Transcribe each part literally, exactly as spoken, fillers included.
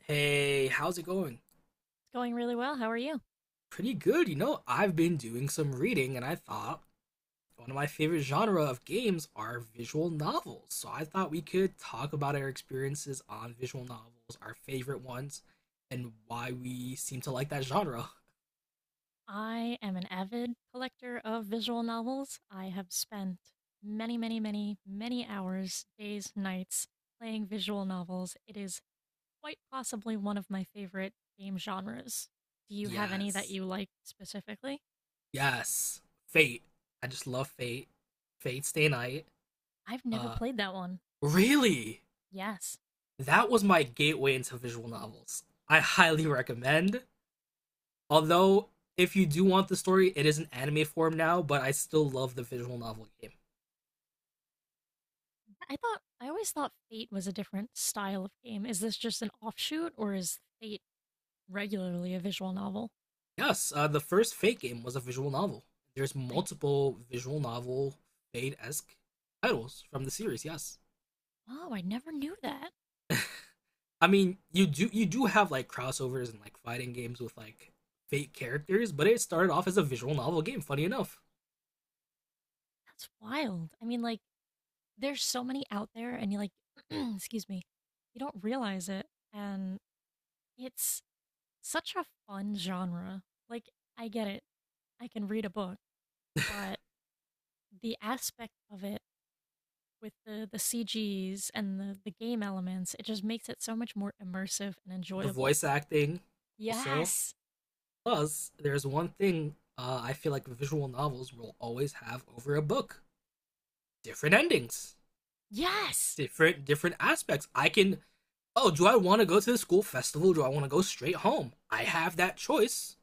Hey, how's it going? It's going really well. How are you? Pretty good, you know. I've been doing some reading and I thought one of my favorite genre of games are visual novels. So I thought we could talk about our experiences on visual novels, our favorite ones, and why we seem to like that genre. I am an avid collector of visual novels. I have spent many, many, many, many hours, days, nights playing visual novels. It is quite possibly one of my favorite game genres. Do you have any that Yes. you like specifically? Yes. Fate. I just love Fate. Fate Stay Night. I've never Uh played that one. Really? Yes. That was my gateway into visual novels. I highly Really? recommend. Although, if you do want the story, it is an anime form now, but I still love the visual novel game. I thought, I always thought Fate was a different style of game. Is this just an offshoot or is Fate regularly a visual novel? Yes, uh, the first Fate game was a visual novel. There's I, multiple visual novel Fate esque titles from the series. Yes, oh, I never knew that. I mean you do you do have like crossovers and like fighting games with like Fate characters, but it started off as a visual novel game. Funny enough, That's wild. I mean, like, there's so many out there, and you like, excuse me, you don't realize it. And it's such a fun genre. Like, I get it. I can read a book, but the aspect of it with the, the C Gs and the, the game elements, it just makes it so much more immersive and the enjoyable. voice acting also. Yes. Plus, there's one thing uh, I feel like visual novels will always have over a book: different endings. Yes. different different aspects. I can— oh, do I want to go to the school festival? Do I want to go straight home? I have that choice,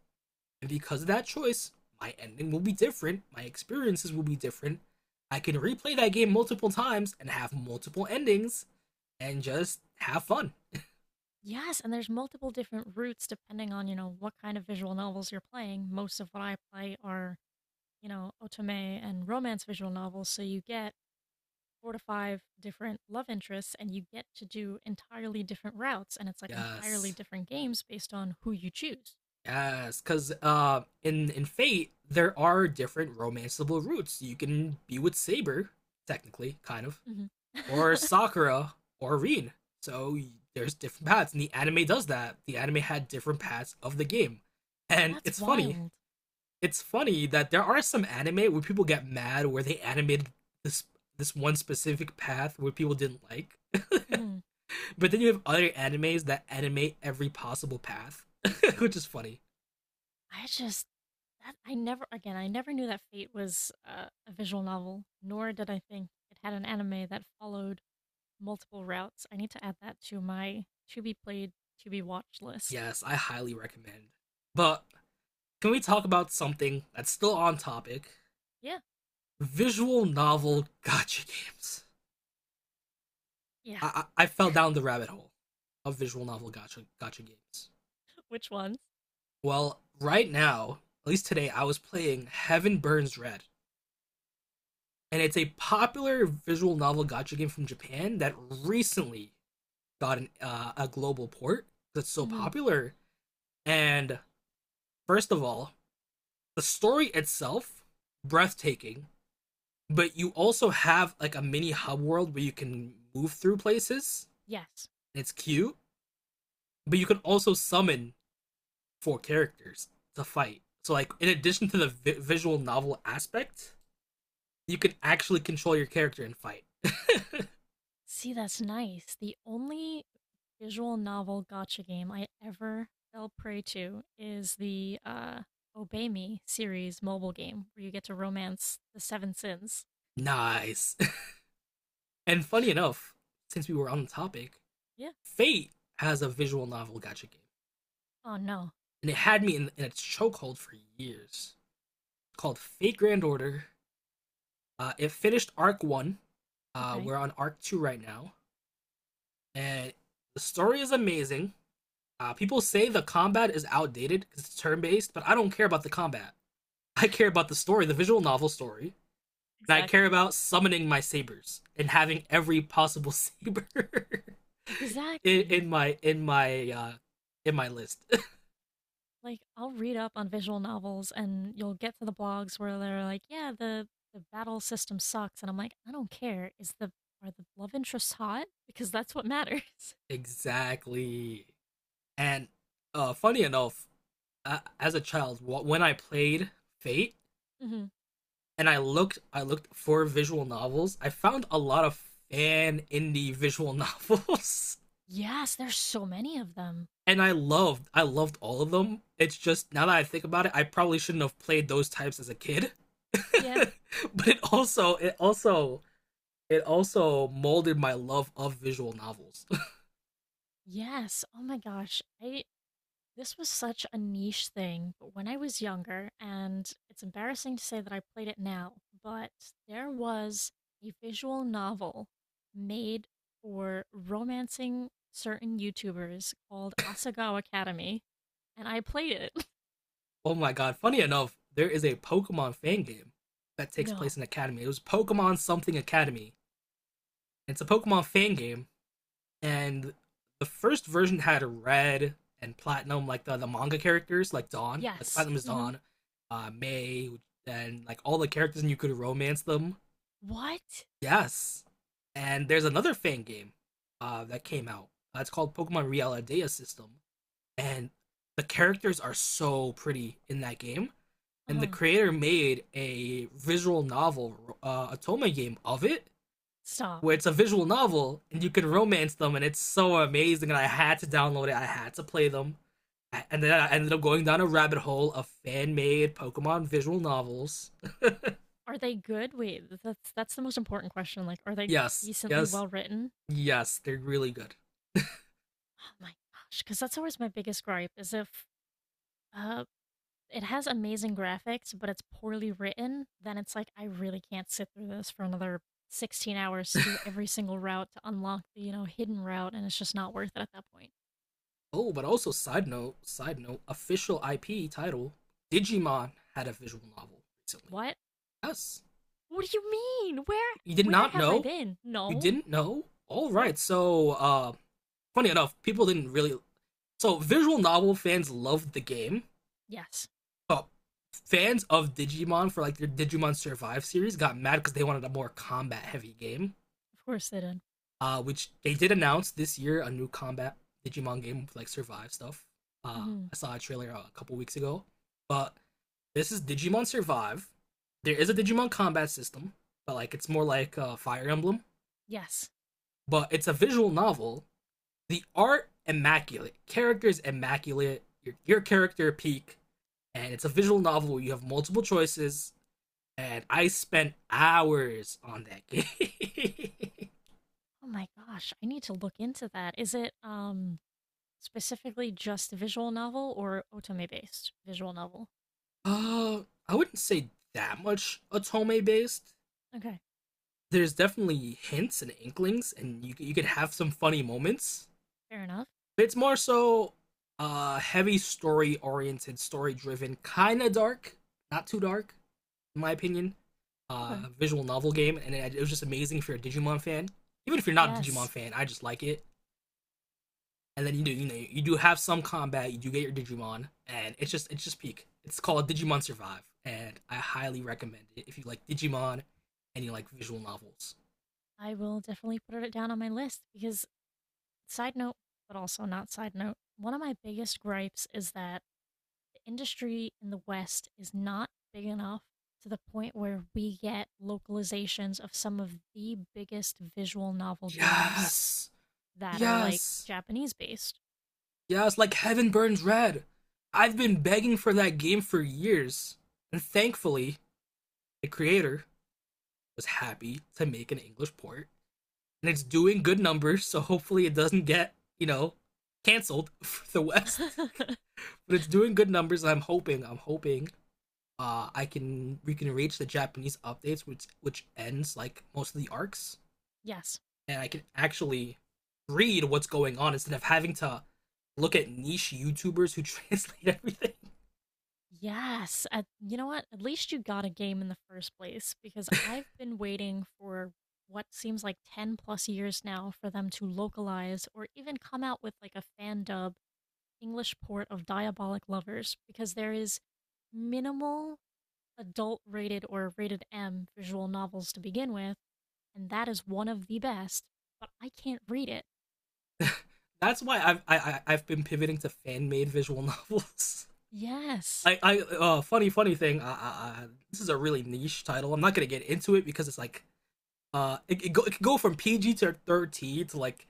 and because of that choice, my ending will be different. My experiences will be different. I can replay that game multiple times and have multiple endings and just have fun. Yes. And there's multiple different routes depending on, you know, what kind of visual novels you're playing. Most of what I play are you know, otome and romance visual novels, so you get four to five different love interests and you get to do entirely different routes and it's like entirely Yes. different games based on who you choose. Yes, because uh, in in Fate there are different romanceable routes. You can be with Saber, technically, kind of. Hmm. Or Sakura or Reen. So there's different paths, and the anime does that. The anime had different paths of the game, and That's it's funny. wild. It's funny that there are some anime where people get mad where they animated this this one specific path where people didn't like, Hmm. but then you have other animes that animate every possible path, which is funny. I just that I never again I never knew that Fate was uh, a visual novel, nor did I think it had an anime that followed multiple routes. I need to add that to my to be played to be watched list. Yes, I highly recommend. But can we talk about something that's still on topic? Yeah, Visual novel gotcha games. yeah. I, I fell down the rabbit hole of visual novel gotcha gotcha games. Which ones? Well, right now, at least today, I was playing Heaven Burns Red, and it's a popular visual novel gotcha game from Japan that recently got an, uh, a global port that's so Hmm. popular. And first of all, the story itself breathtaking, but you also have like a mini hub world where you can move through places. Yes. It's cute, but you can also summon four characters to fight. So like in addition to the vi- visual novel aspect, you can actually control your character and fight. See, that's nice. The only visual novel gotcha game I ever fell prey to is the uh, Obey Me series mobile game where you get to romance the seven sins. Nice. And funny enough, since we were on the topic, Yeah. Fate has a visual novel gacha game, Oh, no. and it had me in, in its chokehold for years. Called Fate Grand Order. Uh, it finished arc one. Uh, Okay. We're on arc two right now, and the story is amazing. Uh, people say the combat is outdated because it's turn based, but I don't care about the combat. I care about the story, the visual novel story, and I care Exactly. about summoning my sabers and having every possible saber in, Exactly. in my in my uh in my list. Like, I'll read up on visual novels and you'll get to the blogs where they're like, yeah, the, the battle system sucks. And I'm like, I don't care. Is the, are the love interests hot? Because that's what matters. Exactly. And uh funny enough, uh, as a child, when I played Fate Hmm. and I looked I looked for visual novels, I found a lot of fan indie visual novels. Yes, there's so many of them. And I loved I loved all of them. It's just now that I think about it, I probably shouldn't have played those types as a kid. Yeah. But it also it also it also molded my love of visual novels. Yes. Oh my gosh. I This was such a niche thing, but when I was younger, and it's embarrassing to say that I played it now, but there was a visual novel made for romancing certain YouTubers called Asagawa Academy, and I played it. Oh my god, funny enough, there is a Pokemon fan game that takes place No. in Academy. It was Pokemon something Academy. It's a Pokemon fan game, and the first version had red and platinum, like the, the manga characters, like Dawn, like Yes. platinum is Hmm. Dawn, uh, May, and like all the characters, and you could romance them. What? Yes, and there's another fan game uh, that came out. Uh, it's called Pokemon Realidea System, and the characters are so pretty in that game. And the Uh, creator made a visual novel, uh, Atoma game of it, Stop. where it's a visual novel and you can romance them, and it's so amazing. And I had to download it. I had to play them, and then I ended up going down a rabbit hole of fan made Pokemon visual novels. Are they good? Wait, that's that's the most important question. Like, are they Yes, decently yes, well written? yes, they're really good. Oh my gosh, because that's always my biggest gripe is if Uh, it has amazing graphics, but it's poorly written. Then it's like I really can't sit through this for another sixteen hours to do every single route to unlock the, you know, hidden route and it's just not worth it at that point. Oh, but also side note, side note, official I P title, Digimon had a visual novel recently. What? Yes. What do you mean? Where You did where not have I know? been? You No. didn't know? No. Alright, so uh funny enough, people didn't really— so visual novel fans loved the game. Yes. Oh, fans of Digimon for like their Digimon Survive series got mad because they wanted a more combat heavy game. Of course they did. Uh, which they did announce this year a new combat Digimon game with like Survive stuff. Uh, Hmm. I saw a trailer uh, a couple weeks ago, but this is Digimon Survive. There is a Digimon combat system, but like it's more like a uh, Fire Emblem. Yes. But it's a visual novel. The art immaculate, characters immaculate. Your your character peak, and it's a visual novel. You have multiple choices and I spent hours on that game. Oh my gosh, I need to look into that. Is it um specifically just visual novel or otome based visual novel? uh, I wouldn't say that much Otome based. Okay. There's definitely hints and inklings, and you you could have some funny moments. Fair enough. But it's more so uh heavy story oriented, story driven, kind of dark, not too dark in my opinion. Uh, Okay. Visual novel game, and it, it was just amazing if you're a Digimon fan. Even if you're not a Digimon Yes. fan, I just like it. And then you do you know you do have some combat. You do get your Digimon, and it's just it's just peak. It's called Digimon Survive, and I highly recommend it if you like Digimon and you like visual novels. I will definitely put it down on my list because, side note, but also not side note, one of my biggest gripes is that the industry in the West is not big enough to the point where we get localizations of some of the biggest visual novel games Yes, that are like yes, Japanese based. yes. Like Heaven Burns Red. I've been begging for that game for years, and thankfully the creator was happy to make an English port, and it's doing good numbers. So hopefully it doesn't get, you know, canceled for the West. But it's doing good numbers. I'm hoping, I'm hoping uh, I can— we can reach the Japanese updates, which which ends like most of the arcs, Yes. and I can actually read what's going on instead of having to look at niche YouTubers who translate everything. Yes. At, you know what? At least you got a game in the first place because I've been waiting for what seems like ten plus years now for them to localize or even come out with like a fan dub English port of Diabolic Lovers because there is minimal adult rated or rated M visual novels to begin with, and that is one of the best, but I can't read it. That's why I've I, I, have been pivoting to fan made visual novels. Yes. I I uh funny funny thing. I, I, this is a really niche title. I'm not gonna get into it because it's like uh it, it, go, it can go from P G to thirteen to like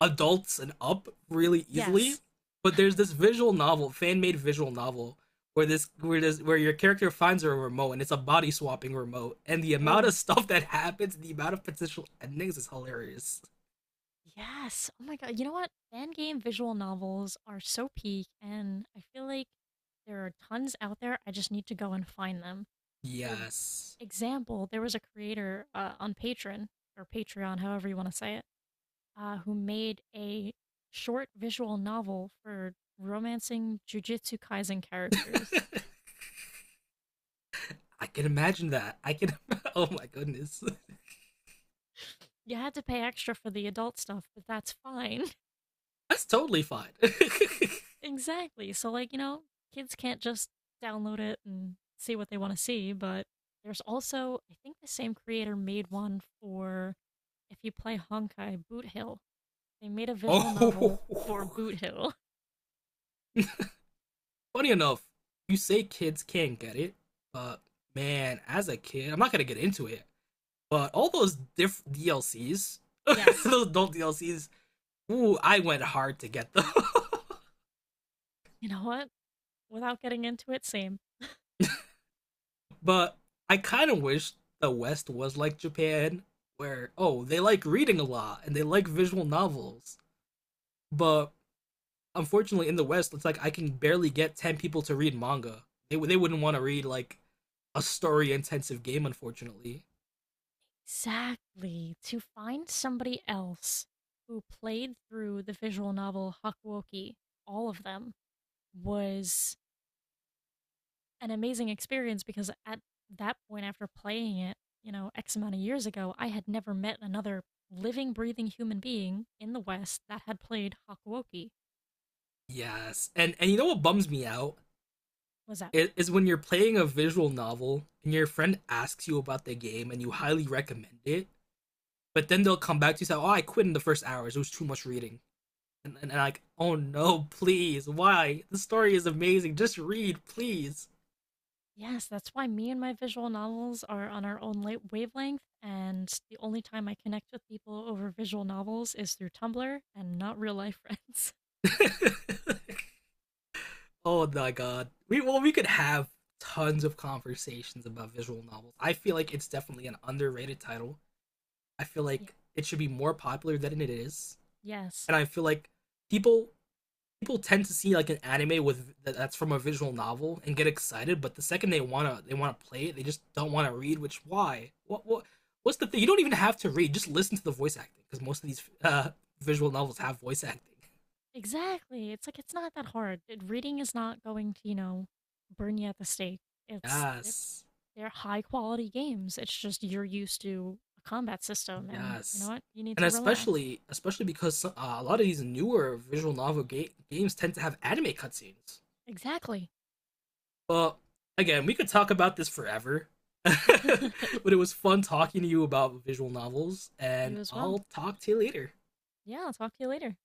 adults and up really easily. Yes. But there's this visual novel, fan made visual novel, where this where this where your character finds a remote and it's a body swapping remote, and the amount of Oh. stuff that happens, the amount of potential endings is hilarious. Yes. Oh my God. You know what? Fan game visual novels are so peak, and I feel like there are tons out there. I just need to go and find them. For Yes. example, there was a creator uh, on Patreon, or Patreon, however you want to say it, uh, who made a short visual novel for romancing Jujutsu Kaisen characters. I can imagine that. I can. Oh my goodness. You had to pay extra for the adult stuff, but that's fine. That's totally fine. Exactly. So, like, you know, kids can't just download it and see what they want to see, but there's also, I think the same creator made one for if you play Honkai Boot Hill. They made a visual novel for Oh. Boot Hill. Funny enough, you say kids can't get it, but man, as a kid, I'm not gonna get into it. But all those diff D L Cs, Yes. those adult D L Cs, ooh, I went hard to get them. You know what? Without getting into it, same. But I kind of wish the West was like Japan, where oh, they like reading a lot and they like visual novels. But unfortunately, in the West, it's like I can barely get ten people to read manga. They they wouldn't want to read like a story intensive game, unfortunately. Exactly. To find somebody else who played through the visual novel Hakuoki, all of them, was an amazing experience because at that point, after playing it, you know, X amount of years ago, I had never met another living, breathing human being in the West that had played Hakuoki. Yes, and and you know what bums me out Was that? is, when you're playing a visual novel and your friend asks you about the game and you highly recommend it, but then they'll come back to you and say, "Oh, I quit in the first hours. It was too much reading." And, and, and like, "Oh no, please, why? The story is amazing. Just read, please." Yes, that's why me and my visual novels are on our own la- wavelength, and the only time I connect with people over visual novels is through Tumblr and not real life friends. Oh my god. We— well, we could have tons of conversations about visual novels. I feel like it's definitely an underrated title. I feel Yeah. like it should be more popular than it is. Yes. And I feel like people people tend to see like an anime with that's from a visual novel and get excited, but the second they wanna they wanna play it, they just don't wanna read. Which why? What what what's the thing? You don't even have to read. Just listen to the voice acting because most of these uh, visual novels have voice acting. Exactly. It's like it's not that hard. It- reading is not going to, you know, burn you at the stake. It's Yes, They're high quality games. It's just you're used to a combat system, and you know yes, what? You need and to relax. especially especially because uh, a lot of these newer visual novel ga- games tend to have anime cutscenes. Exactly. Well, again, we could talk about this forever, but it was fun talking to you about visual novels, You and as well. I'll talk to you later. Yeah, I'll talk to you later.